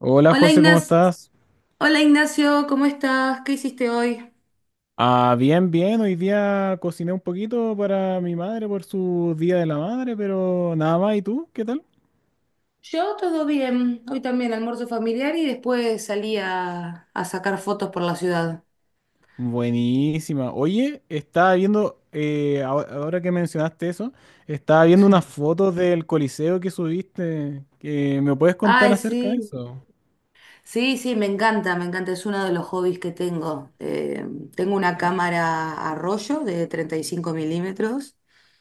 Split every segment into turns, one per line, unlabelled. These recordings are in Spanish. Hola
Hola
José, ¿cómo
Ignacio,
estás?
¿cómo estás? ¿Qué hiciste hoy?
Ah, bien, bien. Hoy día cociné un poquito para mi madre por su Día de la Madre, pero nada más. ¿Y tú? ¿Qué tal?
Yo todo bien, hoy también almuerzo familiar y después salí a sacar fotos por la ciudad.
Buenísima. Oye, estaba viendo, ahora que mencionaste eso, estaba viendo
Sí.
unas fotos del Coliseo que subiste. Que ¿Me puedes contar
Ay,
acerca de
sí,
eso?
sí, me encanta, es uno de los hobbies que tengo. Tengo una cámara a rollo de 35 mm,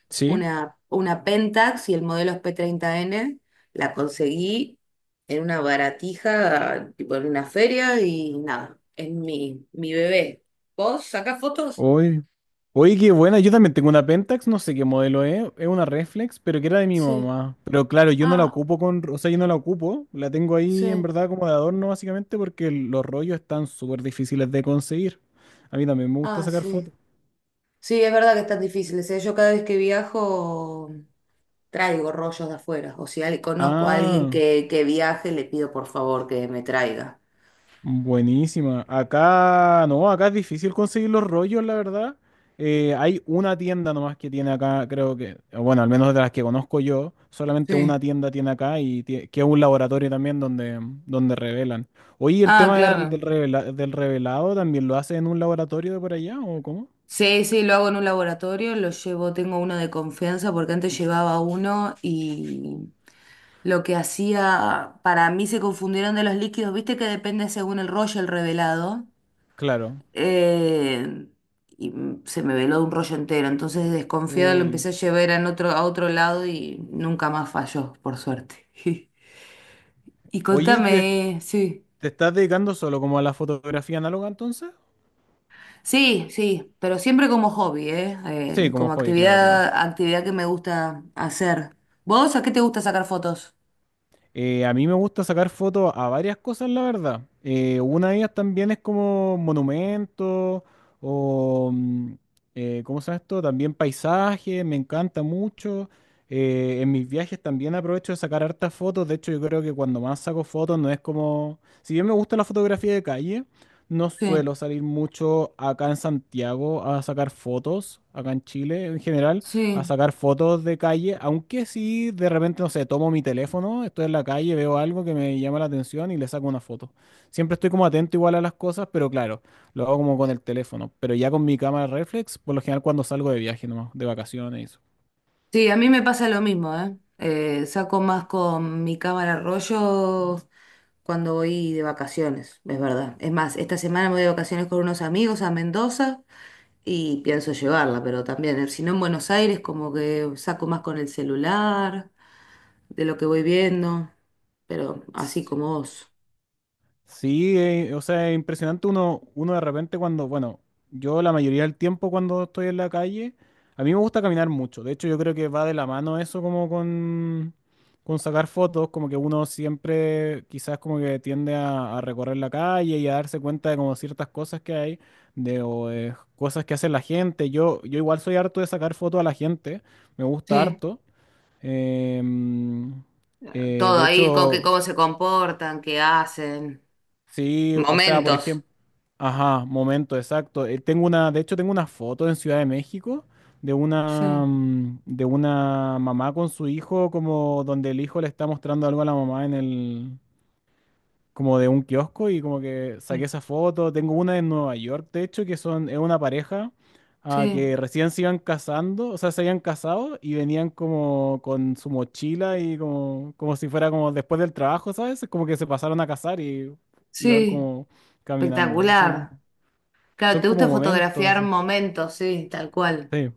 Sí.
una Pentax, y el modelo es P30N. La conseguí en una baratija, tipo en una feria, y nada, es mi bebé. ¿Vos sacás fotos?
Oye, oye, qué buena. Yo también tengo una Pentax, no sé qué modelo es. Es una Reflex, pero que era de mi
Sí.
mamá. Pero claro, yo no la
Ah,
ocupo con, o sea, yo no la ocupo. La tengo ahí en
sí.
verdad como de adorno básicamente porque los rollos están súper difíciles de conseguir. A mí también me gusta
Ah,
sacar
sí.
fotos.
Sí, es verdad que están difíciles, ¿eh? Yo cada vez que viajo traigo rollos de afuera. O si conozco a alguien
Ah.
que viaje, le pido por favor que me traiga.
Buenísima. Acá, no, acá es difícil conseguir los rollos, la verdad. Hay una tienda nomás que tiene acá, creo que, bueno, al menos de las que conozco yo, solamente una
Sí.
tienda tiene acá y que es un laboratorio también donde, revelan. Oye, ¿el
Ah,
tema
claro.
del revelado también lo hacen en un laboratorio de por allá o cómo?
Sí, sí, lo hago en un laboratorio, lo llevo, tengo uno de confianza porque antes llevaba uno y lo que hacía, para mí se confundieron de los líquidos, viste que depende según el rollo, el revelado,
Claro.
eh, se me veló de un rollo entero, entonces desconfiada lo
Uy.
empecé a llevar en otro, a otro lado y nunca más falló, por suerte. Y
Oye, ¿y ¿te,
contame, sí.
te estás dedicando solo como a la fotografía análoga entonces?
Sí, sí, pero siempre como hobby, ¿eh?
Sí,
Eh,
como
como
hobby, claro,
actividad,
claro.
actividad que me gusta hacer. ¿Vos a qué te gusta sacar fotos?
A mí me gusta sacar fotos a varias cosas, la verdad. Una de ellas también es como monumentos o, ¿cómo se llama esto? También paisajes, me encanta mucho. En mis viajes también aprovecho de sacar hartas fotos. De hecho, yo creo que cuando más saco fotos no es como, si bien me gusta la fotografía de calle, no
Sí,
suelo salir mucho acá en Santiago a sacar fotos, acá en Chile en general a
sí,
sacar fotos de calle, aunque sí de repente, no sé, tomo mi teléfono, estoy en la calle, veo algo que me llama la atención y le saco una foto. Siempre estoy como atento igual a las cosas, pero claro, lo hago como con el teléfono. Pero ya con mi cámara reflex, por lo general cuando salgo de viaje nomás, de vacaciones y
sí, a mí me pasa lo mismo, ¿eh? Saco más con mi cámara rollo cuando voy de vacaciones, es verdad. Es más, esta semana me voy de vacaciones con unos amigos a Mendoza y pienso llevarla, pero también, si no en Buenos Aires, como que saco más con el celular, de lo que voy viendo, pero así
eso.
como vos.
Sí, o sea, es impresionante uno de repente cuando, bueno, yo la mayoría del tiempo cuando estoy en la calle, a mí me gusta caminar mucho. De hecho, yo creo que va de la mano eso como con sacar fotos, como que uno siempre quizás como que tiende a recorrer la calle y a darse cuenta de como ciertas cosas que hay, de o de cosas que hace la gente. Yo igual soy harto de sacar fotos a la gente, me gusta
Sí.
harto. Em, eh,
Todo
de
ahí, con que
hecho...
cómo se comportan, qué hacen,
Sí, o sea, por
momentos.
ejemplo, ajá, momento exacto. De hecho, tengo una foto en Ciudad de México de una,
Sí,
mm, de una mamá con su hijo, como donde el hijo le está mostrando algo a la mamá en el, como de un kiosco y como que saqué
sí,
esa foto. Tengo una en Nueva York, de hecho, que es una pareja
sí,
que recién se iban casando, o sea, se habían casado y venían como con su mochila y como si fuera como después del trabajo, ¿sabes? Como que se pasaron a casar y iban
sí,
como caminando, así.
espectacular. Claro,
Son
te
como
gusta
momentos,
fotografiar
así.
momentos, sí, tal cual.
Sí,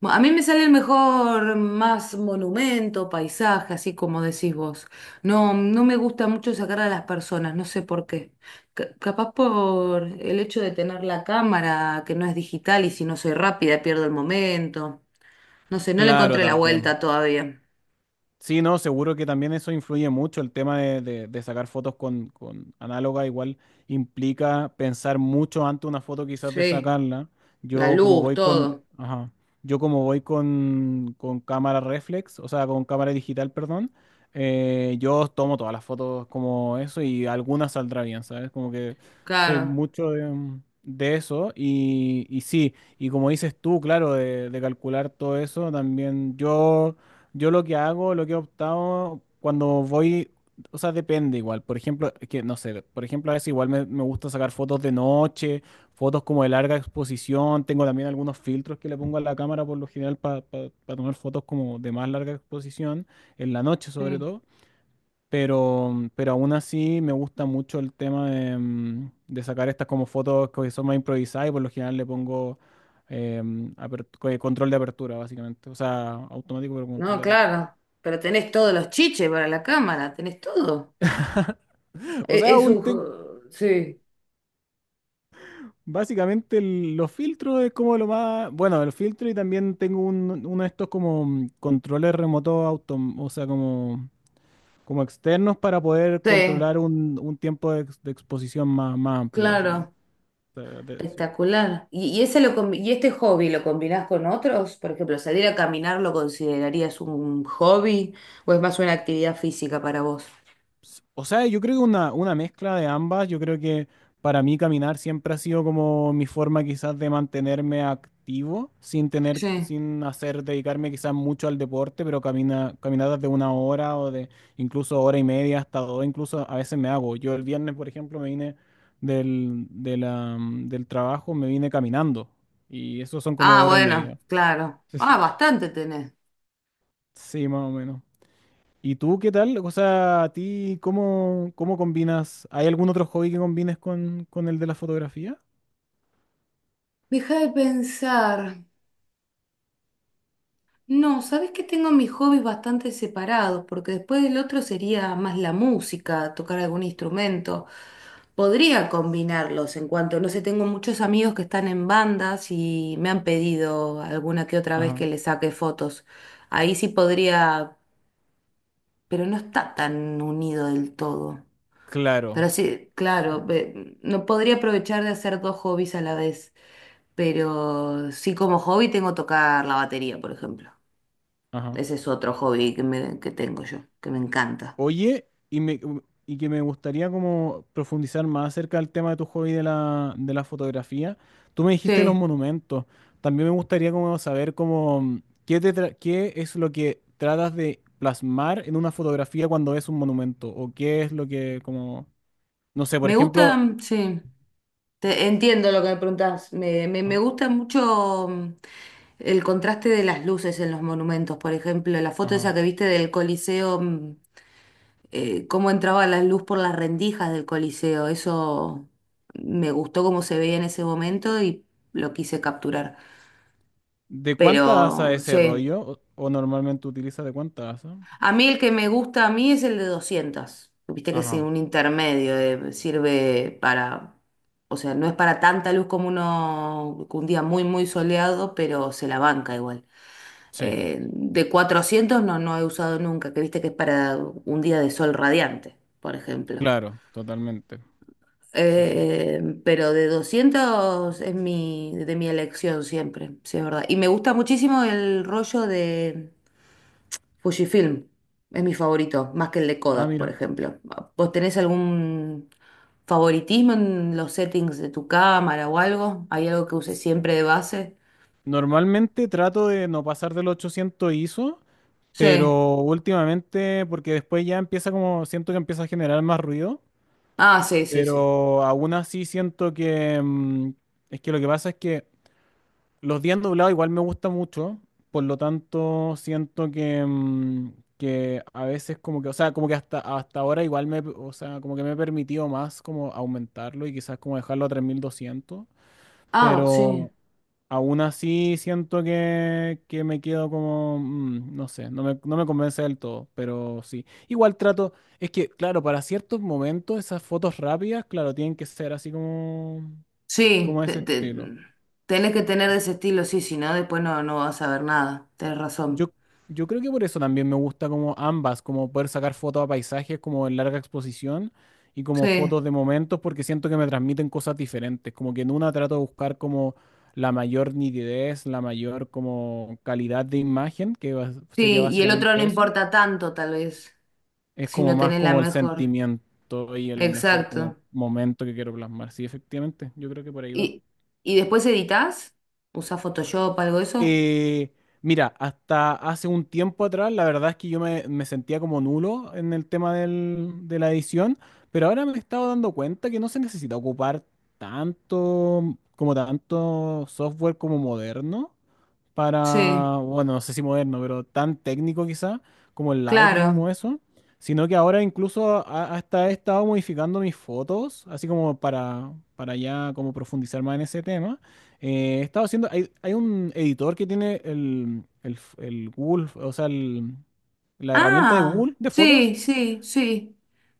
A mí me sale el mejor más monumento, paisaje, así como decís vos. No, no me gusta mucho sacar a las personas, no sé por qué. Capaz por el hecho de tener la cámara, que no es digital, y si no soy rápida pierdo el momento. No sé, no le
claro,
encontré la
también.
vuelta todavía.
Sí, no, seguro que también eso influye mucho. El tema de sacar fotos con análoga igual implica pensar mucho antes una foto quizás de
Sí.
sacarla.
La
Yo como
luz,
voy con,
todo.
ajá, yo como voy con cámara reflex, o sea, con cámara digital, perdón, yo tomo todas las fotos como eso y algunas saldrá bien, ¿sabes? Como que soy
Claro.
mucho de eso y sí, y como dices tú, claro, de calcular todo eso, también yo. Yo lo que hago, lo que he optado cuando voy, o sea, depende igual. Por ejemplo, es que no sé, por ejemplo, a veces igual me gusta sacar fotos de noche, fotos como de larga exposición. Tengo también algunos filtros que le pongo a la cámara por lo general para tomar fotos como de más larga exposición, en la noche sobre
Sí.
todo. Pero aún así me gusta mucho el tema de sacar estas como fotos que son más improvisadas y por lo general le pongo control de apertura, básicamente. O sea, automático, pero control
No,
de apertura.
claro. Pero tenés todos los chiches para la cámara, tenés todo.
O
E-
sea,
Es, un... jo- Sí,
básicamente los filtros es como lo más, bueno, el filtro y también tengo uno de estos como controles remotos o sea, como externos para poder
sí,
controlar un tiempo de exposición más amplio, básicamente.
claro.
O sea, sí.
Espectacular. ¿Y este hobby lo combinás con otros? Por ejemplo, ¿salir a caminar lo considerarías un hobby o es más una actividad física para vos?
O sea, yo creo que una mezcla de ambas. Yo creo que para mí caminar siempre ha sido como mi forma quizás de mantenerme activo sin tener,
Sí.
sin hacer, dedicarme quizás mucho al deporte, pero caminadas de una hora o de incluso hora y media hasta dos, incluso a veces me hago. Yo el viernes, por ejemplo, me vine del, de la- del trabajo, me vine caminando y eso son como
Ah,
hora y
bueno,
media.
claro. Ah, bastante tenés.
Sí, más o menos. ¿Y tú qué tal? O sea, ¿a ti cómo combinas? ¿Hay algún otro hobby que combines con el de la fotografía?
Deja de pensar. No, sabes que tengo mis hobbies bastante separados, porque después del otro sería más la música, tocar algún instrumento. Podría combinarlos en cuanto, no sé, tengo muchos amigos que están en bandas y me han pedido alguna que otra vez que
Ajá.
les saque fotos. Ahí sí podría, pero no está tan unido del todo.
Claro.
Pero sí,
Sí.
claro, no podría aprovechar de hacer dos hobbies a la vez, pero sí como hobby tengo tocar la batería, por ejemplo.
Ajá.
Ese es otro hobby que tengo yo, que me encanta.
Oye, y que me gustaría como profundizar más acerca del tema de tu hobby de la fotografía. Tú me dijiste los
Sí,
monumentos. También me gustaría como saber cómo, qué, te tra- qué es lo que tratas de plasmar en una fotografía cuando es un monumento o qué es lo que como, no sé, por
me gusta,
ejemplo,
entiendo lo que me preguntás. Me
ah,
gusta mucho, el contraste de las luces en los monumentos, por ejemplo, la foto esa
ajá.
que viste del Coliseo. Cómo entraba la luz por las rendijas del Coliseo, eso me gustó, cómo se veía en ese momento, y lo quise capturar.
¿De cuánta asa
Pero
ese
sí.
rollo o normalmente utilizas de cuánta asa?
A mí el que me gusta a mí es el de 200. Viste que es
Ajá,
un intermedio, sirve para, o sea, no es para tanta luz como uno, un día muy, muy soleado, pero se la banca igual.
sí,
De 400 no, no he usado nunca, que viste que es para un día de sol radiante, por ejemplo.
claro, totalmente. Sí, sí.
Pero de 200 es mi, de mi elección siempre, sí, es verdad. Y me gusta muchísimo el rollo de Fujifilm, es mi favorito, más que el de
Ah,
Kodak, por
mira.
ejemplo. ¿Vos tenés algún favoritismo en los settings de tu cámara o algo? ¿Hay algo que uses siempre de base?
Normalmente trato de no pasar del 800 ISO,
Sí.
pero últimamente, porque después ya empieza como, siento que empieza a generar más ruido,
Ah, sí, sí, sí.
pero aún así siento que, es que lo que pasa es que los días doblados igual me gusta mucho, por lo tanto siento que, que a veces como que, o sea, como que hasta ahora igual me, o sea, como que me he permitido más como aumentarlo y quizás como dejarlo a 3.200.
Ah, sí.
Pero aún así siento que me quedo como, no sé, no me convence del todo, pero sí. Igual trato, es que, claro, para ciertos momentos esas fotos rápidas, claro, tienen que ser así como,
Sí,
como ese estilo.
tenés que tener de ese estilo, sí, si no, después no, no vas a ver nada. Tenés razón.
Yo, yo creo que por eso también me gusta como ambas, como poder sacar fotos a paisajes como en larga exposición y como
Sí,
fotos de momentos porque siento que me transmiten cosas diferentes, como que en una trato de buscar como la mayor nitidez, la mayor como calidad de imagen, sería
sí, y el otro no
básicamente eso,
importa tanto, tal vez,
es
si
como
no
más
tenés la
como el
mejor.
sentimiento y el mejor como
Exacto.
momento que quiero plasmar. Sí, efectivamente, yo creo que por ahí va.
¿Y, y después editas? ¿Usás Photoshop, algo de eso?
Eh, Mira, hasta hace un tiempo atrás, la verdad es que yo me sentía como nulo en el tema de la edición, pero ahora me he estado dando cuenta que no se necesita ocupar tanto, como tanto software como moderno
Sí,
para, bueno, no sé si moderno, pero tan técnico quizá como el Lightroom
claro.
o eso, sino que ahora incluso hasta he estado modificando mis fotos, así como para ya como profundizar más en ese tema. He estado haciendo, hay un editor que tiene el Google, o sea, la herramienta de
Ah,
Google de
sí,
fotos,
sí, sí.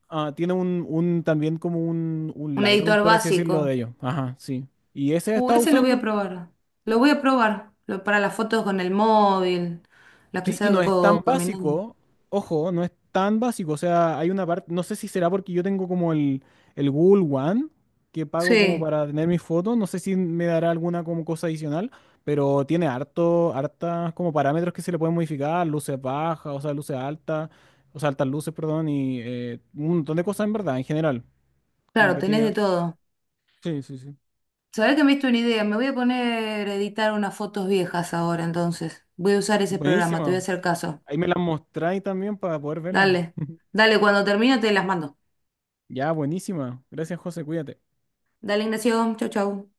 tiene también como un
Un
Lightroom,
editor
por así decirlo, de
básico.
ellos. Ajá, sí. Y ese he estado
Ese lo voy a
usando.
probar. Lo voy a probar. Lo, para las fotos con el móvil, las que
Sí, y no es tan
salgo caminando.
básico, ojo, no es tan básico, o sea, hay una parte, no sé si será porque yo tengo como el Google One, que pago como
Sí,
para tener mis fotos, no sé si me dará alguna como cosa adicional, pero tiene harto, hartas como parámetros que se le pueden modificar, luces bajas, o sea, luces altas, o sea, altas luces, perdón, y un montón de cosas en verdad, en general, como
claro,
que
tenés
tiene
de
harto.
todo.
Sí, sí, sí.
Sabés que me diste una idea. Me voy a poner a editar unas fotos viejas ahora, entonces. Voy a usar ese programa, te voy a
Buenísima.
hacer caso.
Ahí me las mostráis también para poder verla.
Dale. Dale, cuando termine te las mando.
Ya, buenísima. Gracias, José, cuídate.
Dale, Ignacio. Chau, chau.